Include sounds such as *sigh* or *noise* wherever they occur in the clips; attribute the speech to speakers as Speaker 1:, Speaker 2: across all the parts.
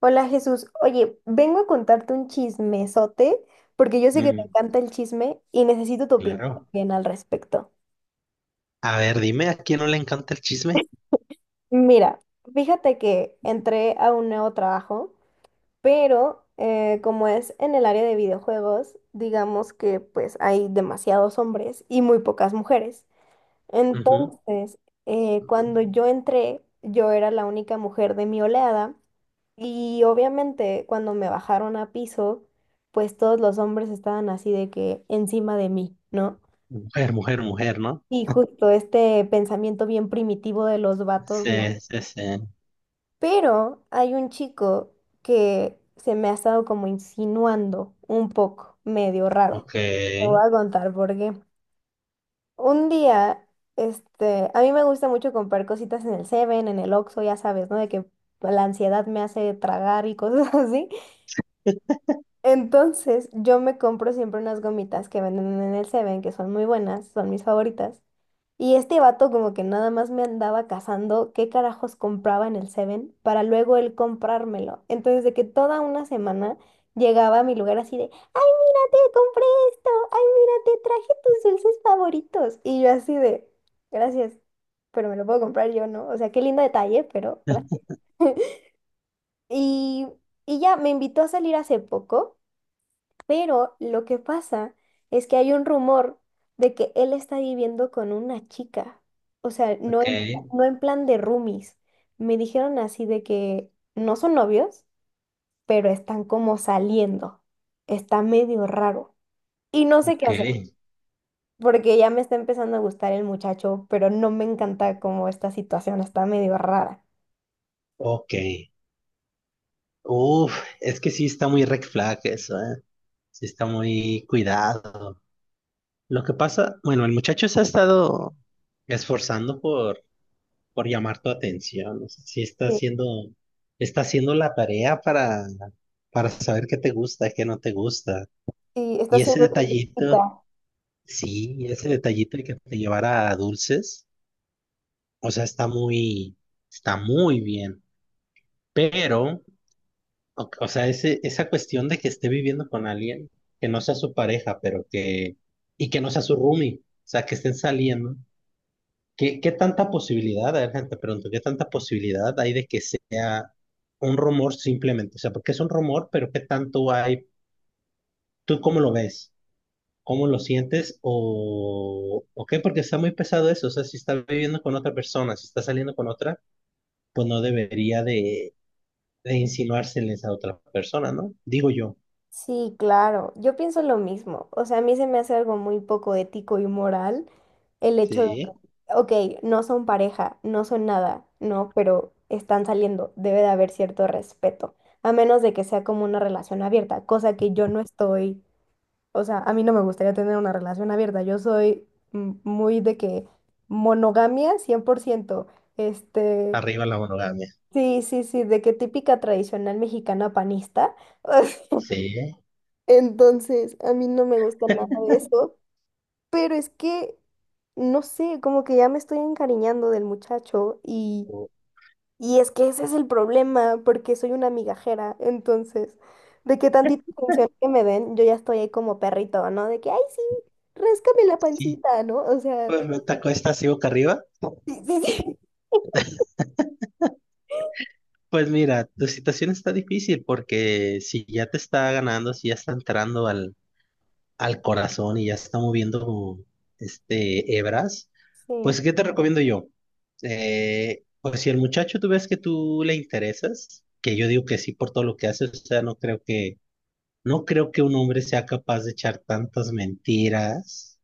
Speaker 1: Hola Jesús, oye, vengo a contarte un chismesote porque yo sé que te
Speaker 2: Mm,
Speaker 1: encanta el chisme y necesito tu opinión
Speaker 2: claro.
Speaker 1: también al respecto.
Speaker 2: A ver, dime, ¿a quién no le encanta el chisme?
Speaker 1: Mira, fíjate que entré a un nuevo trabajo, pero como es en el área de videojuegos, digamos que pues hay demasiados hombres y muy pocas mujeres.
Speaker 2: Ujú.
Speaker 1: Entonces, cuando yo entré, yo era la única mujer de mi oleada. Y obviamente cuando me bajaron a piso, pues todos los hombres estaban así de que encima de mí, ¿no?
Speaker 2: Mujer, mujer, mujer, ¿no?
Speaker 1: Y justo este pensamiento bien primitivo de los vatos,
Speaker 2: Sí,
Speaker 1: no.
Speaker 2: sí, sí.
Speaker 1: Pero hay un chico que se me ha estado como insinuando un poco, medio raro.
Speaker 2: Ok,
Speaker 1: Te voy a contar por qué. Un día, este, a mí me gusta mucho comprar cositas en el Seven, en el Oxxo, ya sabes, ¿no? De que la ansiedad me hace tragar y cosas *laughs* así. Entonces, yo me compro siempre unas gomitas que venden en el Seven, que son muy buenas, son mis favoritas. Y este vato como que nada más me andaba cazando qué carajos compraba en el Seven para luego él comprármelo. Entonces, de que toda una semana llegaba a mi lugar así de, ay, mira, te compré esto, ay, mira, te traje tus dulces favoritos. Y yo así de, gracias, pero me lo puedo comprar yo, ¿no? O sea, qué lindo detalle, pero
Speaker 2: *laughs*
Speaker 1: gracias. *laughs* Y, y ya me invitó a salir hace poco. Pero lo que pasa es que hay un rumor de que él está viviendo con una chica. O sea, no
Speaker 2: ok,
Speaker 1: en, no en plan de roomies. Me dijeron así de que no son novios, pero están como saliendo. Está medio raro. Y no sé qué
Speaker 2: ok,
Speaker 1: hacer, porque ya me está empezando a gustar el muchacho, pero no me encanta como esta situación está medio rara.
Speaker 2: ok. Uf, es que sí está muy red flag eso, ¿eh? Sí está muy cuidado. Lo que pasa, bueno, el muchacho se ha estado esforzando por llamar tu atención. O sea, sí está
Speaker 1: Sí,
Speaker 2: está haciendo la tarea para saber qué te gusta, qué no te gusta.
Speaker 1: sí, está
Speaker 2: Y ese
Speaker 1: siendo
Speaker 2: detallito,
Speaker 1: complicada.
Speaker 2: sí, ese detallito de que te llevara a dulces, o sea, está muy bien. Pero, o sea, esa cuestión de que esté viviendo con alguien que no sea su pareja, y que no sea su roomie, o sea, que estén saliendo. Qué tanta posibilidad, a ver, gente, pregunto, qué tanta posibilidad hay de que sea un rumor simplemente? O sea, porque es un rumor, pero qué tanto hay, ¿tú cómo lo ves? ¿Cómo lo sientes? O qué? Porque está muy pesado eso, o sea, si está viviendo con otra persona, si está saliendo con otra, pues no debería de insinuárseles a otra persona, ¿no? Digo yo,
Speaker 1: Sí, claro, yo pienso lo mismo. O sea, a mí se me hace algo muy poco ético y moral el hecho de
Speaker 2: sí,
Speaker 1: que, ok, no son pareja, no son nada, ¿no? Pero están saliendo, debe de haber cierto respeto, a menos de que sea como una relación abierta, cosa que yo no estoy, o sea, a mí no me gustaría tener una relación abierta, yo soy muy de que monogamia 100% este,
Speaker 2: arriba la monogamia,
Speaker 1: sí, sí, sí, de que típica tradicional mexicana panista. *laughs*
Speaker 2: sí,
Speaker 1: Entonces, a mí no me gusta nada de eso, pero es que, no sé, como que ya me estoy encariñando del muchacho
Speaker 2: o-
Speaker 1: y es que ese es el problema, porque soy una migajera, entonces, de que tantita atención que me den, yo ya estoy ahí como perrito, ¿no? De que, ay, sí, ráscame la
Speaker 2: sí,
Speaker 1: pancita, ¿no? O sea,
Speaker 2: pues me tacó esta así boca arriba.
Speaker 1: sí, sí, sí.
Speaker 2: Pues mira, tu situación está difícil porque si ya te está ganando, si ya está entrando al corazón y ya está moviendo este hebras,
Speaker 1: Sí,
Speaker 2: pues ¿qué te recomiendo yo? Pues si el muchacho tú ves que tú le interesas, que yo digo que sí por todo lo que hace, o sea, no creo que un hombre sea capaz de echar tantas mentiras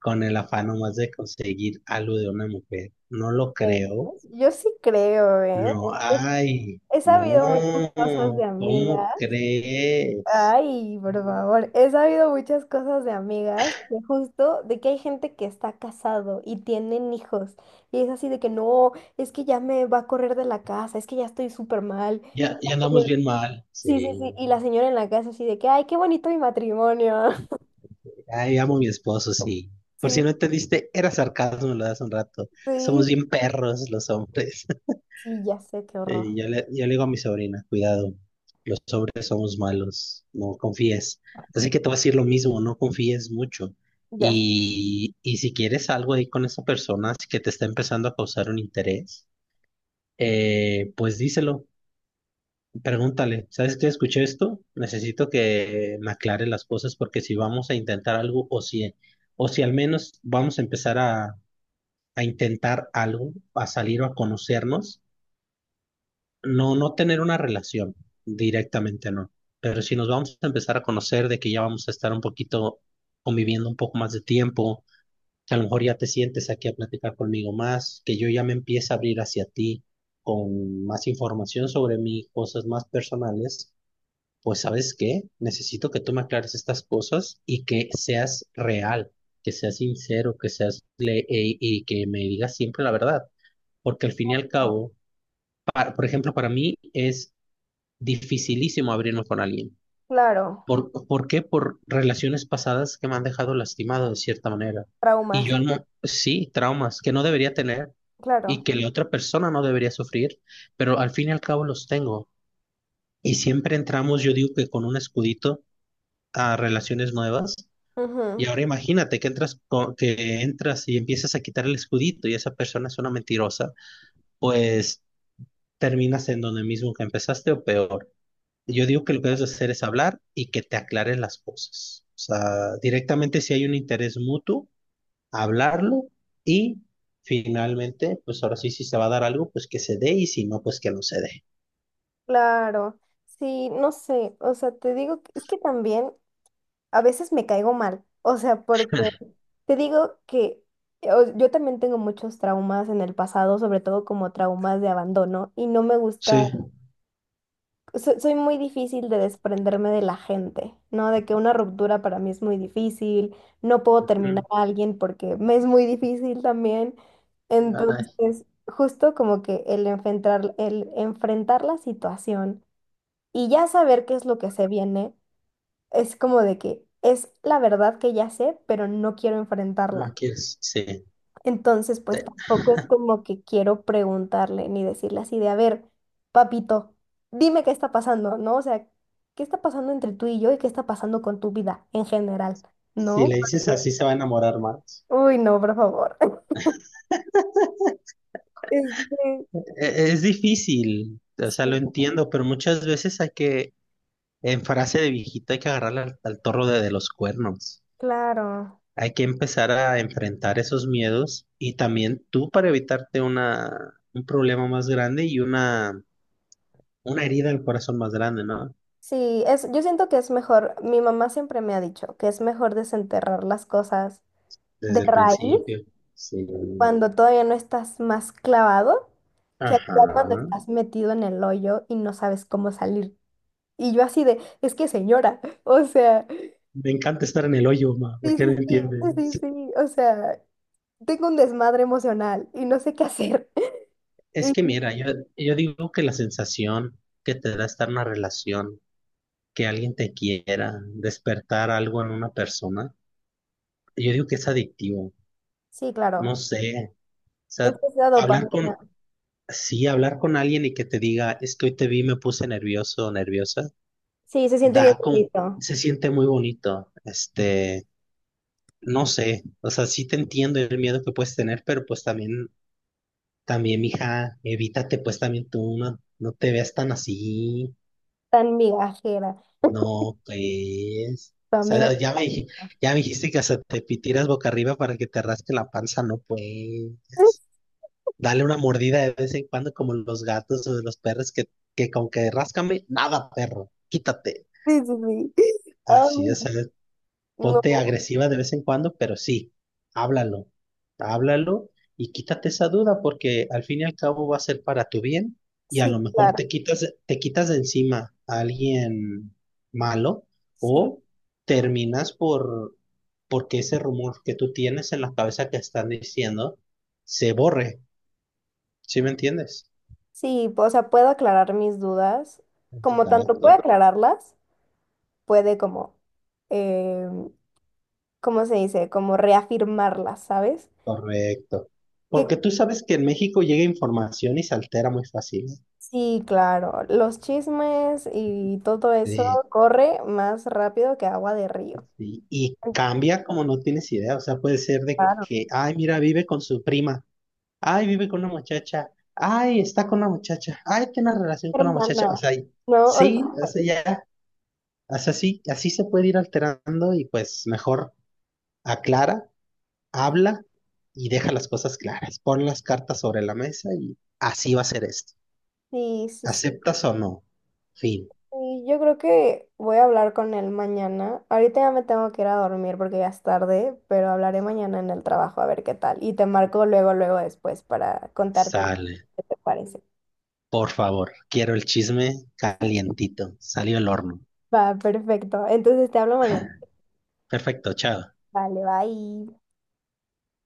Speaker 2: con el afán nomás de conseguir algo de una mujer. No lo
Speaker 1: ¿crees?
Speaker 2: creo.
Speaker 1: Yo sí creo, ¿eh?
Speaker 2: No,
Speaker 1: He
Speaker 2: ay,
Speaker 1: he sabido muchas cosas
Speaker 2: no,
Speaker 1: de
Speaker 2: ¿cómo
Speaker 1: amigas.
Speaker 2: crees?
Speaker 1: Ay, por favor, he sabido muchas cosas de amigas, de justo de que hay gente que está casado y tienen hijos, y es así de que no, es que ya me va a correr de la casa, es que ya estoy súper mal. y
Speaker 2: Ya,
Speaker 1: la
Speaker 2: ya andamos
Speaker 1: señora-
Speaker 2: bien mal. Sí.
Speaker 1: Sí, sí, sí, y la señora en la casa así de que, ay, qué bonito mi matrimonio. *laughs*
Speaker 2: Ay, amo a mi esposo, sí. Por
Speaker 1: Sí,
Speaker 2: si no entendiste, era sarcasmo lo de hace un rato. Somos
Speaker 1: sí,
Speaker 2: bien perros los hombres. *laughs*
Speaker 1: sí, ya sé, qué horror,
Speaker 2: Y yo le digo a mi sobrina, cuidado, los hombres somos malos, no confíes. Así que te voy a decir lo mismo, no confíes mucho.
Speaker 1: ya sé.
Speaker 2: Y si quieres algo ahí con esa persona si que te está empezando a causar un interés, pues díselo. Pregúntale, ¿sabes qué? Escuché esto, necesito que me aclare las cosas porque si vamos a intentar algo o si al menos vamos a empezar a intentar algo, a salir o a conocernos, no tener una relación directamente, no. Pero si nos vamos a empezar a conocer de que ya vamos a estar un poquito conviviendo un poco más de tiempo, que a lo mejor ya te sientes aquí a platicar conmigo más, que yo ya me empiece a abrir hacia ti con más información sobre mí, cosas más personales, pues ¿sabes qué? Necesito que tú me aclares estas cosas y que seas real, que seas sincero, y que me digas siempre la verdad, porque al
Speaker 1: Qué
Speaker 2: fin y al
Speaker 1: horror.
Speaker 2: cabo, por ejemplo, para mí es dificilísimo abrirme con alguien.
Speaker 1: Claro,
Speaker 2: Por qué? Por relaciones pasadas que me han dejado lastimado de cierta manera. Y
Speaker 1: traumas,
Speaker 2: yo no, sí, traumas que no debería tener y
Speaker 1: claro.
Speaker 2: que la otra persona no debería sufrir, pero al fin y al cabo los tengo. Y siempre entramos, yo digo que con un escudito a relaciones nuevas. Y
Speaker 1: Ujú,
Speaker 2: ahora imagínate que entras, que entras y empiezas a quitar el escudito y esa persona es una mentirosa, pues terminas en donde mismo que empezaste o peor. Yo digo que lo que debes hacer es hablar y que te aclares las cosas. O sea, directamente si hay un interés mutuo, hablarlo y finalmente, pues ahora sí, si se va a dar algo, pues que se dé y si no, pues que no se dé.
Speaker 1: claro, sí, no sé, o sea, te digo, que- es que también a veces me caigo mal, o sea, porque
Speaker 2: *laughs*
Speaker 1: te digo que yo también tengo muchos traumas en el pasado, sobre todo como traumas de abandono, y no me gusta,
Speaker 2: Sí.
Speaker 1: soy muy difícil de desprenderme de la gente, ¿no? De que una ruptura para mí es muy difícil, no puedo terminar
Speaker 2: Mm.
Speaker 1: a alguien porque me es muy difícil también.
Speaker 2: Ay,
Speaker 1: Entonces, justo como que el enfrentar la situación y ya saber qué es lo que se viene es como de que es la verdad que ya sé, pero no quiero
Speaker 2: no
Speaker 1: enfrentarla.
Speaker 2: quieres. Sí.
Speaker 1: Entonces, pues
Speaker 2: Sí.
Speaker 1: tampoco es como que quiero preguntarle ni decirle así de, a ver, papito, dime qué está pasando, ¿no? O sea, ¿qué está pasando entre tú y yo y qué está pasando con tu vida en general?
Speaker 2: Si
Speaker 1: ¿No?
Speaker 2: le dices
Speaker 1: Porque,
Speaker 2: así, se va a enamorar más.
Speaker 1: uy, no, por favor. *laughs* Este,
Speaker 2: Es difícil, o sea, lo
Speaker 1: sí,
Speaker 2: entiendo, pero muchas veces hay que, en frase de viejita, hay que agarrar al toro de los cuernos.
Speaker 1: claro.
Speaker 2: Hay que empezar a enfrentar esos miedos y también tú para evitarte un problema más grande y una herida al corazón más grande, ¿no?
Speaker 1: Sí, es, yo siento que es mejor, mi mamá siempre me ha dicho que es mejor desenterrar las cosas de
Speaker 2: Desde el
Speaker 1: raíz
Speaker 2: principio. Sí.
Speaker 1: cuando todavía no estás más clavado que al
Speaker 2: Ajá.
Speaker 1: final cuando estás metido en el hoyo y no sabes cómo salir. Y yo así de, es que señora, *laughs* o sea,
Speaker 2: Me encanta estar en el hoyo, ma,
Speaker 1: sí,
Speaker 2: porque
Speaker 1: sí,
Speaker 2: no
Speaker 1: sí, sí, sí,
Speaker 2: entiendes.
Speaker 1: sí, o sea, tengo un desmadre emocional y no sé qué hacer. *laughs*
Speaker 2: Es
Speaker 1: Y-
Speaker 2: que mira, yo digo que la sensación que te da estar en una relación que alguien te quiera, despertar algo en una persona, yo digo que es adictivo,
Speaker 1: sí, claro,
Speaker 2: no sé, o
Speaker 1: es
Speaker 2: sea,
Speaker 1: que es la
Speaker 2: hablar
Speaker 1: dopamina.
Speaker 2: con, sí, hablar con alguien y que te diga, es que hoy te vi, me puse nervioso o nerviosa,
Speaker 1: Sí, se siente bien
Speaker 2: da con,
Speaker 1: bonito,
Speaker 2: se siente muy bonito, este, no sé, o sea, sí te entiendo el miedo que puedes tener, pero pues también, también, mija, evítate pues también tú, no te veas tan así.
Speaker 1: tan migajera,
Speaker 2: No, pues.
Speaker 1: tu
Speaker 2: O
Speaker 1: amiga.
Speaker 2: sea, ya me dijiste que hasta te pitieras boca arriba para que te rasque la panza, no pues.
Speaker 1: *laughs*
Speaker 2: Dale una mordida de vez en cuando, como los gatos o los perros que con que ráscame, nada, perro, quítate.
Speaker 1: Sí, sí, sí. Ay,
Speaker 2: Así es.
Speaker 1: no,
Speaker 2: Ponte agresiva de vez en cuando, pero sí, háblalo, háblalo y quítate esa duda porque al fin y al cabo va a ser para tu bien y a
Speaker 1: sí,
Speaker 2: lo mejor
Speaker 1: claro,
Speaker 2: te quitas de encima a alguien malo
Speaker 1: sí.
Speaker 2: o terminas porque ese rumor que tú tienes en la cabeza que están diciendo se borre, ¿sí me entiendes?
Speaker 1: Sí, o sea, puedo aclarar mis dudas, como tanto puedo
Speaker 2: Exacto,
Speaker 1: aclararlas, puede como, eh, ¿cómo se dice? Como reafirmarlas, ¿sabes?
Speaker 2: correcto.
Speaker 1: Que
Speaker 2: Porque tú sabes que en México llega información y se altera muy fácil.
Speaker 1: sí, claro, los chismes y todo eso corre más rápido que agua de río.
Speaker 2: Y
Speaker 1: Ay,
Speaker 2: cambia como no tienes idea, o sea, puede ser de
Speaker 1: claro.
Speaker 2: que, ay, mira, vive con su prima, ay, vive con una muchacha, ay, está con una muchacha, ay, tiene una relación con una muchacha, o
Speaker 1: Hermana,
Speaker 2: sea,
Speaker 1: ¿no? O sea,
Speaker 2: sí, o sea, ya, o sea, sí, así se puede ir alterando y pues mejor aclara, habla y deja las cosas claras, pon las cartas sobre la mesa y así va a ser esto,
Speaker 1: sí, sí, sí.
Speaker 2: aceptas o no, fin,
Speaker 1: Sí, yo creo que voy a hablar con él mañana. Ahorita ya me tengo que ir a dormir porque ya es tarde, pero hablaré mañana en el trabajo a ver qué tal. Y te marco luego, luego después para contarte
Speaker 2: sale,
Speaker 1: qué te parece.
Speaker 2: por favor, quiero el chisme calientito, salió el horno,
Speaker 1: Va, perfecto. Entonces te hablo mañana.
Speaker 2: perfecto, chao.
Speaker 1: Vale, bye.